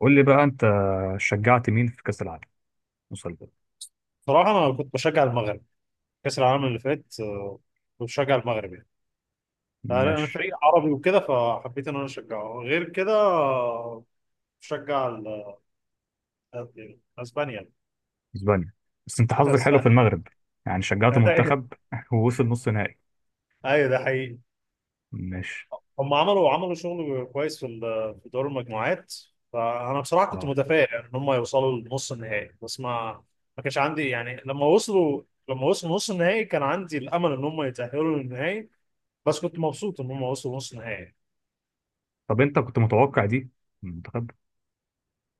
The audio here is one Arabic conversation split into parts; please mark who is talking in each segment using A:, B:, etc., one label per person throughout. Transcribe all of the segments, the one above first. A: قول لي بقى انت شجعت مين في كأس العالم وصل ده؟
B: بصراحة أنا كنت بشجع المغرب كأس العالم اللي فات آه، كنت بشجع المغرب يعني. أنا
A: ماشي.
B: فريق عربي وكده فحبيت إن أنا أشجعه غير كده آه، بشجع ال- يعني أسبانيا.
A: اسبانيا. بس انت حظك حلو في
B: أسبانيا.
A: المغرب، يعني شجعت منتخب ووصل نص نهائي.
B: أيوة، ده حقيقي.
A: ماشي.
B: هم عملوا شغل كويس في دور المجموعات. فأنا بصراحة كنت
A: اه.
B: متفائل إن هم يوصلوا لنص النهائي، بس ما كانش عندي يعني لما وصلوا نص النهائي كان عندي الأمل إن هم يتأهلوا للنهائي، بس كنت مبسوط إن هم وصلوا نص النهائي.
A: طب انت كنت متوقع دي من منتخب؟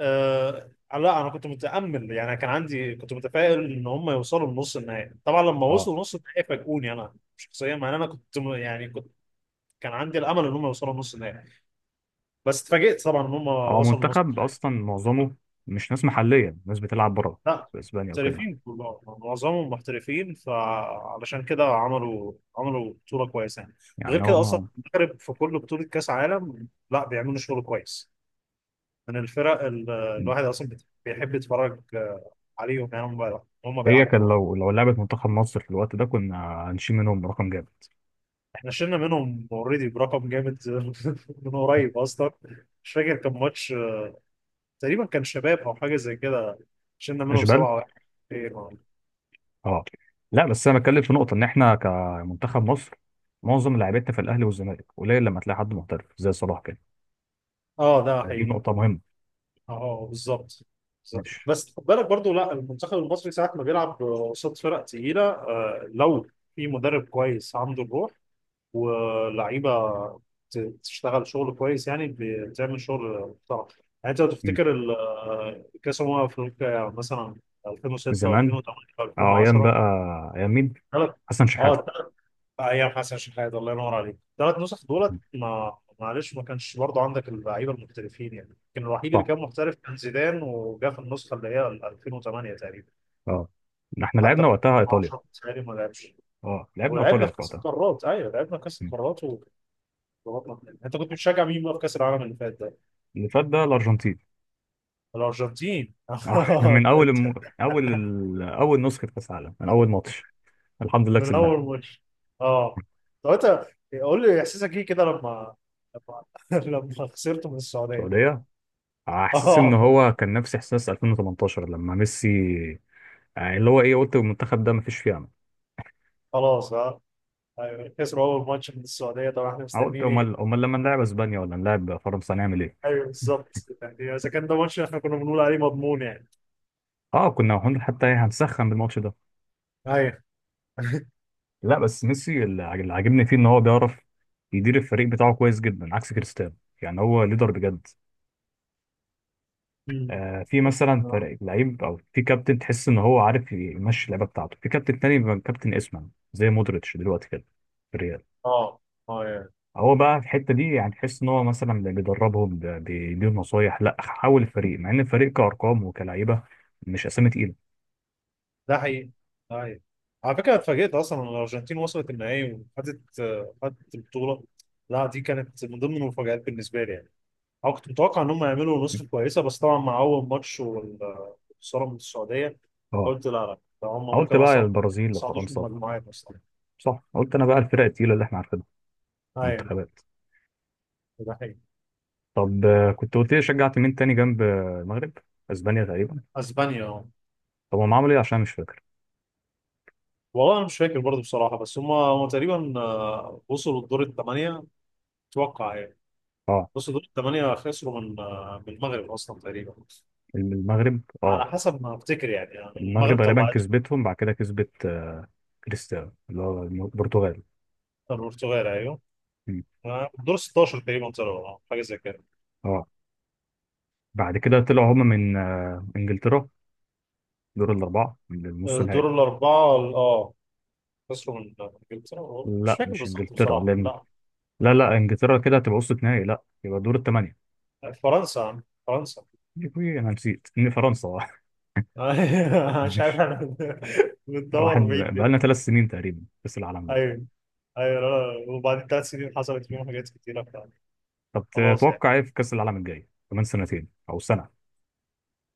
B: آه، لا انا كنت متامل يعني كان عندي كنت متفائل ان هم يوصلوا لنص النهائي. طبعا لما
A: اه.
B: وصلوا لنص النهائي فاجئوني انا شخصيا، مع ان انا كنت يعني كنت كان عندي الامل ان هم يوصلوا لنص النهائي، بس اتفاجئت طبعا ان هم
A: هو
B: وصلوا لنص
A: منتخب
B: النهائي.
A: اصلا معظمه مش ناس محلية، ناس بتلعب بره
B: لا،
A: في اسبانيا وكده.
B: محترفين كلهم، معظمهم محترفين، فعلشان كده عملوا بطوله كويسه يعني. غير
A: يعني هو
B: كده اصلا
A: ما
B: المغرب في كل بطوله كاس عالم لا بيعملوا شغل كويس. من الفرق الواحد اصلا بيحب يتفرج آه، عليهم. يعني هم
A: هي
B: بيلعبوا
A: كان لو
B: كوره.
A: لو لعبت منتخب مصر في الوقت ده كنا هنشيل منهم رقم جامد.
B: احنا شلنا منهم اوريدي برقم جامد. من قريب اصلا، مش فاكر كان ماتش، تقريبا كان شباب او حاجه زي كده، شلنا منهم
A: اشبال
B: 7-1.
A: اه. لا بس انا بتكلم في نقطه ان احنا كمنتخب مصر معظم لعيبتنا في الاهلي والزمالك، قليل لما تلاقي حد محترف زي صلاح كده.
B: اه ده
A: دي
B: حقيقي.
A: نقطه مهمه.
B: اه بالظبط، بالظبط.
A: ماشي.
B: بس خد بالك برضو، لا المنتخب المصري ساعه ما بيلعب قصاد فرق تقيله آه، لو في مدرب كويس عنده الروح، ولعيبه ت- تشتغل شغل كويس يعني، بتعمل شغل محترم. يعني انت لو
A: مم.
B: تفتكر كاس افريقيا مثلا 2006
A: زمان.
B: و2008
A: اه ايام
B: و2010.
A: بقى. ايام مين؟
B: ثلاث
A: حسن شحاته.
B: اه ثلاث ايام حسن شحات، الله ينور عليك، ثلاث نسخ دولت
A: مم.
B: ما، معلش ما كانش برضه عندك اللعيبه المحترفين يعني. كان الوحيد
A: صح.
B: اللي كان محترف كان زيدان، وجا في النسخه اللي هي ال 2008 تقريبا.
A: اه احنا
B: حتى
A: لعبنا
B: في
A: وقتها ايطاليا.
B: 2010 بتهيألي ما لعبش،
A: اه لعبنا
B: ولعبنا
A: ايطاليا
B: في
A: في
B: كاس
A: وقتها.
B: القارات. ايوه لعبنا في كاس
A: مم.
B: القارات، ضغطنا في النهائي. انت كنت بتشجع مين بقى في كاس العالم اللي فات ده؟
A: اللي فات ده الارجنتين.
B: الارجنتين.
A: اه من اول الم... اول ال... اول نسخه كاس عالم من اول ماتش. الحمد لله
B: من اول
A: كسبناها.
B: ماتش. اه طب انت قول لي احساسك ايه كده لما لما خسرت من السعوديه.
A: السعوديه. آه، احساس ان
B: اه
A: هو كان نفس احساس 2018 لما ميسي. يعني اللي هو ايه، قلت المنتخب ده مفيش فيه امل.
B: خلاص. اه ايوه، خسروا اول ماتش من السعوديه، طبعا احنا
A: أنا قلت
B: مستنيين ايه.
A: امال امال لما نلعب اسبانيا ولا نلعب فرنسا هنعمل ايه.
B: ايوه بالظبط. يعني اذا كان ده ماتش احنا كنا بنقول عليه مضمون يعني.
A: اه كنا حتى إيه، هنسخن بالماتش ده.
B: ايوه.
A: لا بس ميسي اللي عاجبني فيه ان هو بيعرف يدير الفريق بتاعه كويس جدا عكس كريستيانو. يعني هو ليدر بجد.
B: مم.
A: آه، في مثلا فريق لعيب او في كابتن تحس ان هو عارف يمشي اللعبه بتاعته، في كابتن تاني بيبقى كابتن اسمه زي مودريتش دلوقتي كده في الريال.
B: اه. اه
A: هو بقى في الحته دي، يعني تحس ان هو مثلا اللي بيدربهم ده بيديهم نصايح لا حول الفريق مع ان الفريق كارقام وكلعيبه مش اسامي تقيله.
B: ده حقيقي، ده حقيقي. على فكره اتفاجئت اصلا ان الارجنتين وصلت النهائي، وخدت آه، خدت البطوله. لا دي كانت من ضمن المفاجآت بالنسبه لي يعني. انا كنت متوقع ان هم يعملوا نسخه كويسه، بس طبعا مع اول ماتش والخساره من السعوديه
A: اه
B: قلت لا لا، ده هم
A: قلت
B: ممكن
A: بقى
B: اصلا ما
A: البرازيل
B: يصعدوش من
A: لفرنسا.
B: المجموعات اصلا.
A: صح قلت انا بقى الفرق التقيله اللي احنا عارفينها.
B: ايوه.
A: المنتخبات.
B: ده حقيقي.
A: طب آه، كنت قلت لي شجعت مين تاني جنب آه، المغرب؟ اسبانيا تقريبا.
B: اسبانيا آه.
A: طب هم عملوا ايه؟ عشان مش فاكر.
B: والله انا مش فاكر برضه بصراحه، بس هم تقريبا آه، وصلوا الدور الثمانيه اتوقع يعني.
A: اه
B: بصوا دول الثمانيه خسروا من آه، من المغرب اصلا تقريبا،
A: المغرب
B: على
A: اه.
B: حسب ما افتكر يعني. المغرب
A: المغرب غالبا
B: طلعت.
A: كسبتهم، بعد كده كسبت آه، كريستيانو اللي هو البرتغال.
B: البرتغال ايوه،
A: مم.
B: دور 16 تقريبا طلعوا، اه حاجه زي كده.
A: اه بعد كده طلعوا هم من آه، انجلترا، دور الأربعة للنص
B: دور
A: نهائي.
B: الاربعه اه، خسروا من انجلترا، مش
A: لا
B: فاكر
A: مش
B: بالظبط
A: إنجلترا
B: بصراحه.
A: لأن،
B: لا،
A: لا لا إنجلترا كده هتبقى وسط نهائي، لا يبقى دور الثمانية.
B: فرنسا فرنسا.
A: يبقى أنا نسيت إن فرنسا
B: مش عارف
A: مش
B: احنا
A: واحد،
B: بندور بعيد ليه.
A: بقالنا ثلاث سنين تقريبا كأس العالم ده.
B: ايوه. ايوه لا، وبعدين ثلاث سنين حصلت فيهم حاجات كتيره فعلا.
A: طب
B: خلاص يعني
A: تتوقع إيه في كأس العالم الجاي كمان سنتين أو سنة؟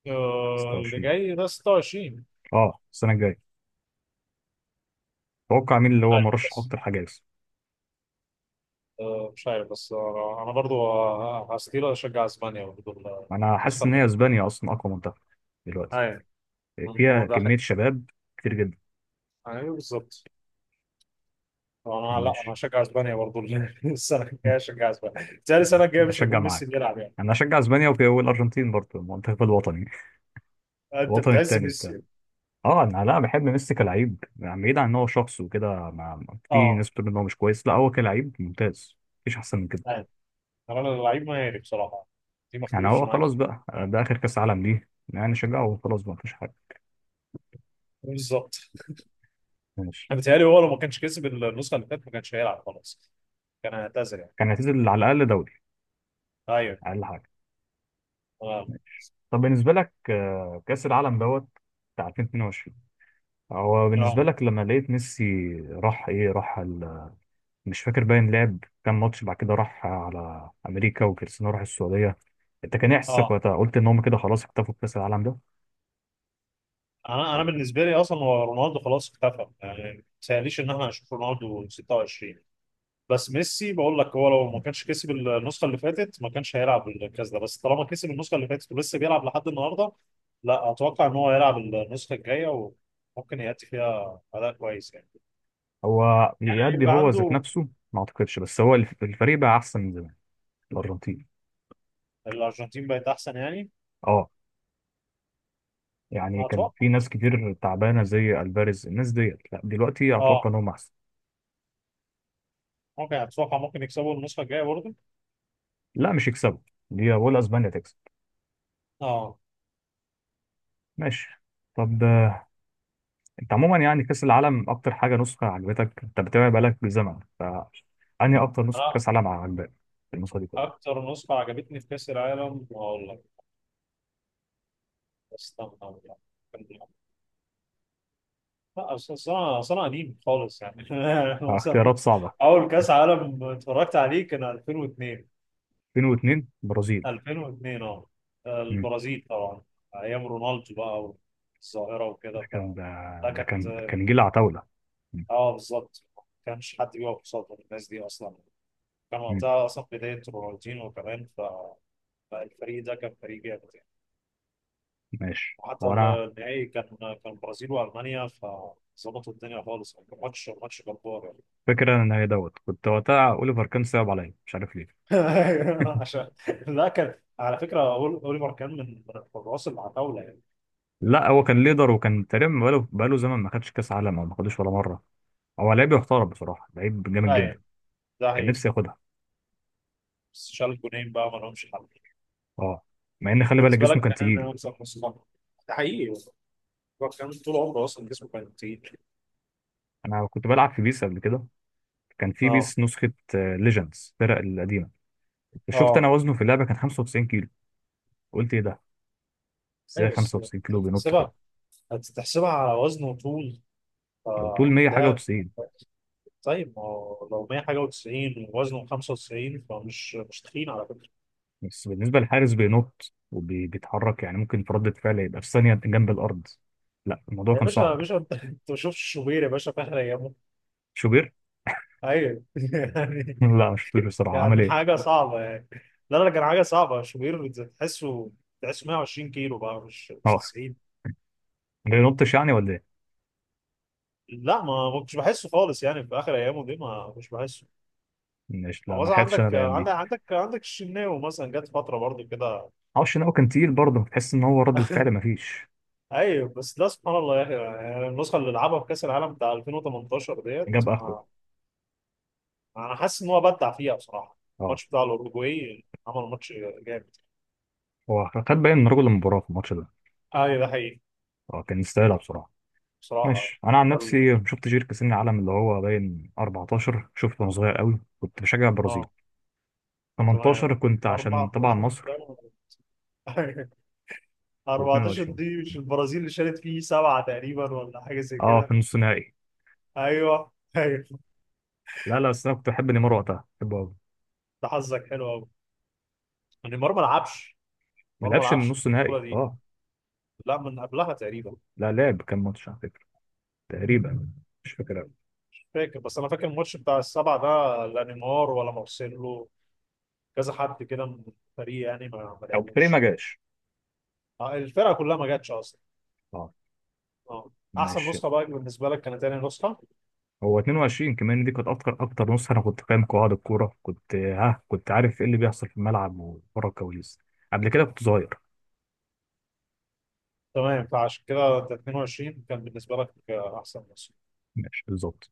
B: آه، اللي
A: 26.
B: جاي ده 26.
A: أه السنة الجاية. تتوقع مين اللي
B: مش
A: هو
B: عارف
A: مرشح
B: بس
A: أكتر حاجة يكسب؟
B: مش عارف بس انا برضو آه، هستيل اشجع اسبانيا برضو.
A: أنا حاسس
B: النسخه.
A: إن هي أسبانيا أصلا أقوى منتخب دلوقتي،
B: ايوه. هو
A: فيها
B: ده حقيقي.
A: كمية شباب كتير جدا.
B: ايوه بالظبط. انا، لا انا
A: ماشي
B: هشجع اسبانيا برضه. السنه الجايه هشجع اسبانيا تاني. السنه
A: ماشي،
B: الجايه مش
A: أشجع
B: هيكون ميسي
A: معاك.
B: بيلعب يعني.
A: انا اشجع اسبانيا والارجنتين برضه، المنتخب الوطني،
B: آه، انت
A: الوطن
B: بتعز
A: التاني
B: ميسي
A: بتاعه.
B: يعني.
A: اه انا لا، بحب ميسي كلاعب يعني، بعيد عن ان هو شخص وكده. في
B: اه
A: ناس بتقول ان هو مش كويس، لا هو كلاعب ممتاز مفيش احسن من كده.
B: ايوه. انا اللعيب مهاري بصراحه، دي ما
A: يعني
B: اختلفش
A: هو
B: معاك.
A: خلاص بقى ده اخر كاس عالم ليه، يعني شجعه وخلاص بقى مفيش حاجه.
B: بالظبط.
A: ماشي.
B: انا بيتهيألي هو لو ما كانش كسب النسخه اللي فاتت ما كانش هيلعب خلاص، كان هيعتزل يعني.
A: كان هتنزل على الاقل دوري،
B: ايوه.
A: اقل حاجه.
B: اه.
A: ماشي. طب بالنسبه لك آه، كاس العالم دوت بتاع 2022. هو بالنسبه
B: اه.
A: لك لما لقيت ميسي راح، ايه، راح مش فاكر، باين لعب كام ماتش بعد كده راح على امريكا وكريستيانو راح السعوديه، انت كان ايه احساسك
B: اه.
A: وقتها؟ قلت ان هم كده خلاص اكتفوا بكاس العالم ده
B: انا
A: ولا كان؟
B: بالنسبه لي اصلا هو رونالدو خلاص اختفى يعني، ما تسأليش ان احنا هنشوف رونالدو 26. بس ميسي بقول لك هو لو ما كانش كسب النسخه اللي فاتت ما كانش هيلعب الكاس ده، بس طالما كسب النسخه اللي فاتت ولسه بيلعب لحد النهارده، لا اتوقع ان هو هيلعب النسخه الجايه، وممكن يأتي فيها اداء كويس يعني.
A: هو يأدي
B: يبقى
A: هو ذات
B: عنده.
A: نفسه؟ ما اعتقدش، بس هو الفريق بقى احسن من زمان، الارجنتين.
B: الارجنتين بقت احسن يعني.
A: اه، يعني كان
B: اتوقع.
A: في ناس كتير تعبانه زي الفاريز، الناس ديت لا دلوقتي
B: اه.
A: اتوقع ان هم احسن.
B: ممكن، اتوقع ممكن يكسبوا النسخه الجايه برضه.
A: لا مش يكسبوا دي، ولا اسبانيا تكسب.
B: اه.
A: ماشي. طب انت عموما يعني كاس العالم اكتر حاجه نسخه عجبتك، انت بتتابع بقالك زمن، فانهي اكتر نسخه
B: انا
A: كاس عالم عجبتك في النسخه دي كلها؟
B: اكتر نسخه عجبتني في كاس العالم اقول لك. استنى أقول لك. لا، أصل أنا قديم خالص يعني. أنا
A: آه،
B: مثلا ممكن
A: اختيارات صعبه.
B: أول كأس عالم اتفرجت عليه كان 2002.
A: 2002 برازيل.
B: 2002 أه،
A: مم.
B: البرازيل طبعا. أيام رونالدو بقى والظاهرة وكده
A: ده
B: ف
A: كان ده,
B: ده
A: ده
B: كانت.
A: كان كان جيل عتاوله. مم.
B: أه بالظبط، ما كانش حد بيقف قصاد الناس دي أصلا. كان
A: مم.
B: وقتها أصلا بداية رونالدينو كمان، فالفريق ده كان فريق جامد يعني.
A: ماشي.
B: وحتى
A: هو انا
B: النهائي كان البرازيل وألمانيا، فظبطوا الدنيا خالص، كان ماتش جبار يعني.
A: فاكر ان هي دوت كنت وقتها اوليفر كان صعب عليا، مش عارف ليه.
B: أيوه، عشان. لا كان على فكره اوليفر كان من الحراس اللي على الطاوله يعني.
A: لا هو كان ليدر، وكان تقريبا بقاله زمن ما خدش كاس عالم او ما خدوش ولا مره. هو لعيب يحترم بصراحه، لعيب جامد جدا.
B: ايوه ده
A: كان
B: هي،
A: نفسي ياخدها.
B: بس شال جونين بقى، ما لهمش حل.
A: اه، مع ان خلي بالك
B: بالنسبه
A: جسمه
B: لك
A: كان
B: كان
A: تقيل.
B: يكسب نص ملعب. ده حقيقي، اوليفر كان طول عمره اصلا جسمه كان كتير.
A: انا كنت بلعب في بيس قبل كده، كان في
B: اه.
A: بيس نسخه ليجندز الفرق القديمه. شفت انا
B: اه.
A: وزنه في اللعبه كان 95 كيلو. قلت ايه ده، ازاي
B: ايوه بس
A: 95 كيلو بينط كده؟
B: تحسبها هتحسبها على وزن وطول
A: لو طول
B: آه،
A: 100 حاجه
B: ده.
A: و90.
B: طيب ما هو لو 100 حاجه و90 ووزنه 95 فمش مش تخين على فكره.
A: بس بالنسبه للحارس بينط وبيتحرك، يعني ممكن في ردة فعل يبقى في ثانيه جنب الارض. لا الموضوع
B: يا
A: كان
B: باشا يا
A: صعب.
B: باشا، انت ما شفتش شوبير يا باشا في اخر ايامه.
A: شوبير
B: ايوه. يعني
A: لا ما شفتوش بصراحه، عمل
B: كان
A: ايه.
B: حاجة صعبة يعني. لا لا، كان حاجة صعبة، شوبير تحسه 120 كيلو بقى، مش
A: اه
B: 90.
A: ما بينطش يعني، ولا ايه؟
B: لا ما كنتش بحسه خالص يعني، في آخر أيامه دي ما مش بحسه.
A: مش، لا
B: هو
A: ما
B: مثلا
A: لحقتش انا
B: عندك
A: الايام
B: عندك
A: دي.
B: عندك عندك الشناوي مثلا، جت فترة برضه كده.
A: معرفش ان هو كان تقيل برضه، تحس ان هو ردة فعل ما فيش.
B: أيوه بس ده سبحان الله يا أخي، يعني النسخة اللي لعبها في كأس العالم بتاع 2018 ديت
A: جاب اخره.
B: أنا حاسس إن هو بدع فيها بصراحة.
A: اه
B: الماتش بتاع الأوروجواي، عمل ماتش جامد.
A: هو خد باين من رجل المباراه في الماتش ده.
B: أيوه ده حقيقي.
A: اه كان يستاهلها بصراحه.
B: بصراحة
A: ماشي. انا عن
B: يعني.
A: نفسي شفت جير كاس العالم اللي هو باين 14 شفته وانا صغير قوي، كنت بشجع البرازيل.
B: اه تمام.
A: 18 كنت عشان طبعا
B: 14.
A: مصر.
B: 14
A: و22
B: دي مش البرازيل اللي شالت فيه سبعة تقريبا، ولا حاجة زي
A: اه في
B: كده.
A: النص نهائي.
B: ايوه. ايوه.
A: لا لا، بس انا كنت بحب نيمار وقتها، بحبه قوي.
B: ده حظك حلو قوي، نيمار ما لعبش.
A: ما
B: نيمار ما
A: لعبش
B: لعبش
A: النص
B: البطولة
A: نهائي
B: دي،
A: اه.
B: لا من قبلها تقريبا.
A: لا لعب، كان ماتش على فكره تقريبا، مش فاكر قوي.
B: مش فاكر، بس انا فاكر الماتش بتاع السبعة ده لا نيمار ولا مارسيلو، كذا حد كده من الفريق يعني ما
A: او فريق ما
B: لعبوش.
A: جاش.
B: آه، الفرقة كلها ما جاتش اصلا.
A: اه.
B: اه. احسن
A: ماشي.
B: نسخة بقى بالنسبة لك كانت تاني نسخة.
A: هو 22 كمان دي كانت اكتر نص، انا كنت فاهم قواعد الكوره، كنت كنت عارف ايه اللي بيحصل في الملعب وورا الكواليس. قبل كده كنت صغير.
B: تمام، فعشان كده انت 22 كان بالنسبة لك آه، احسن نسخة.
A: ماشي بالظبط.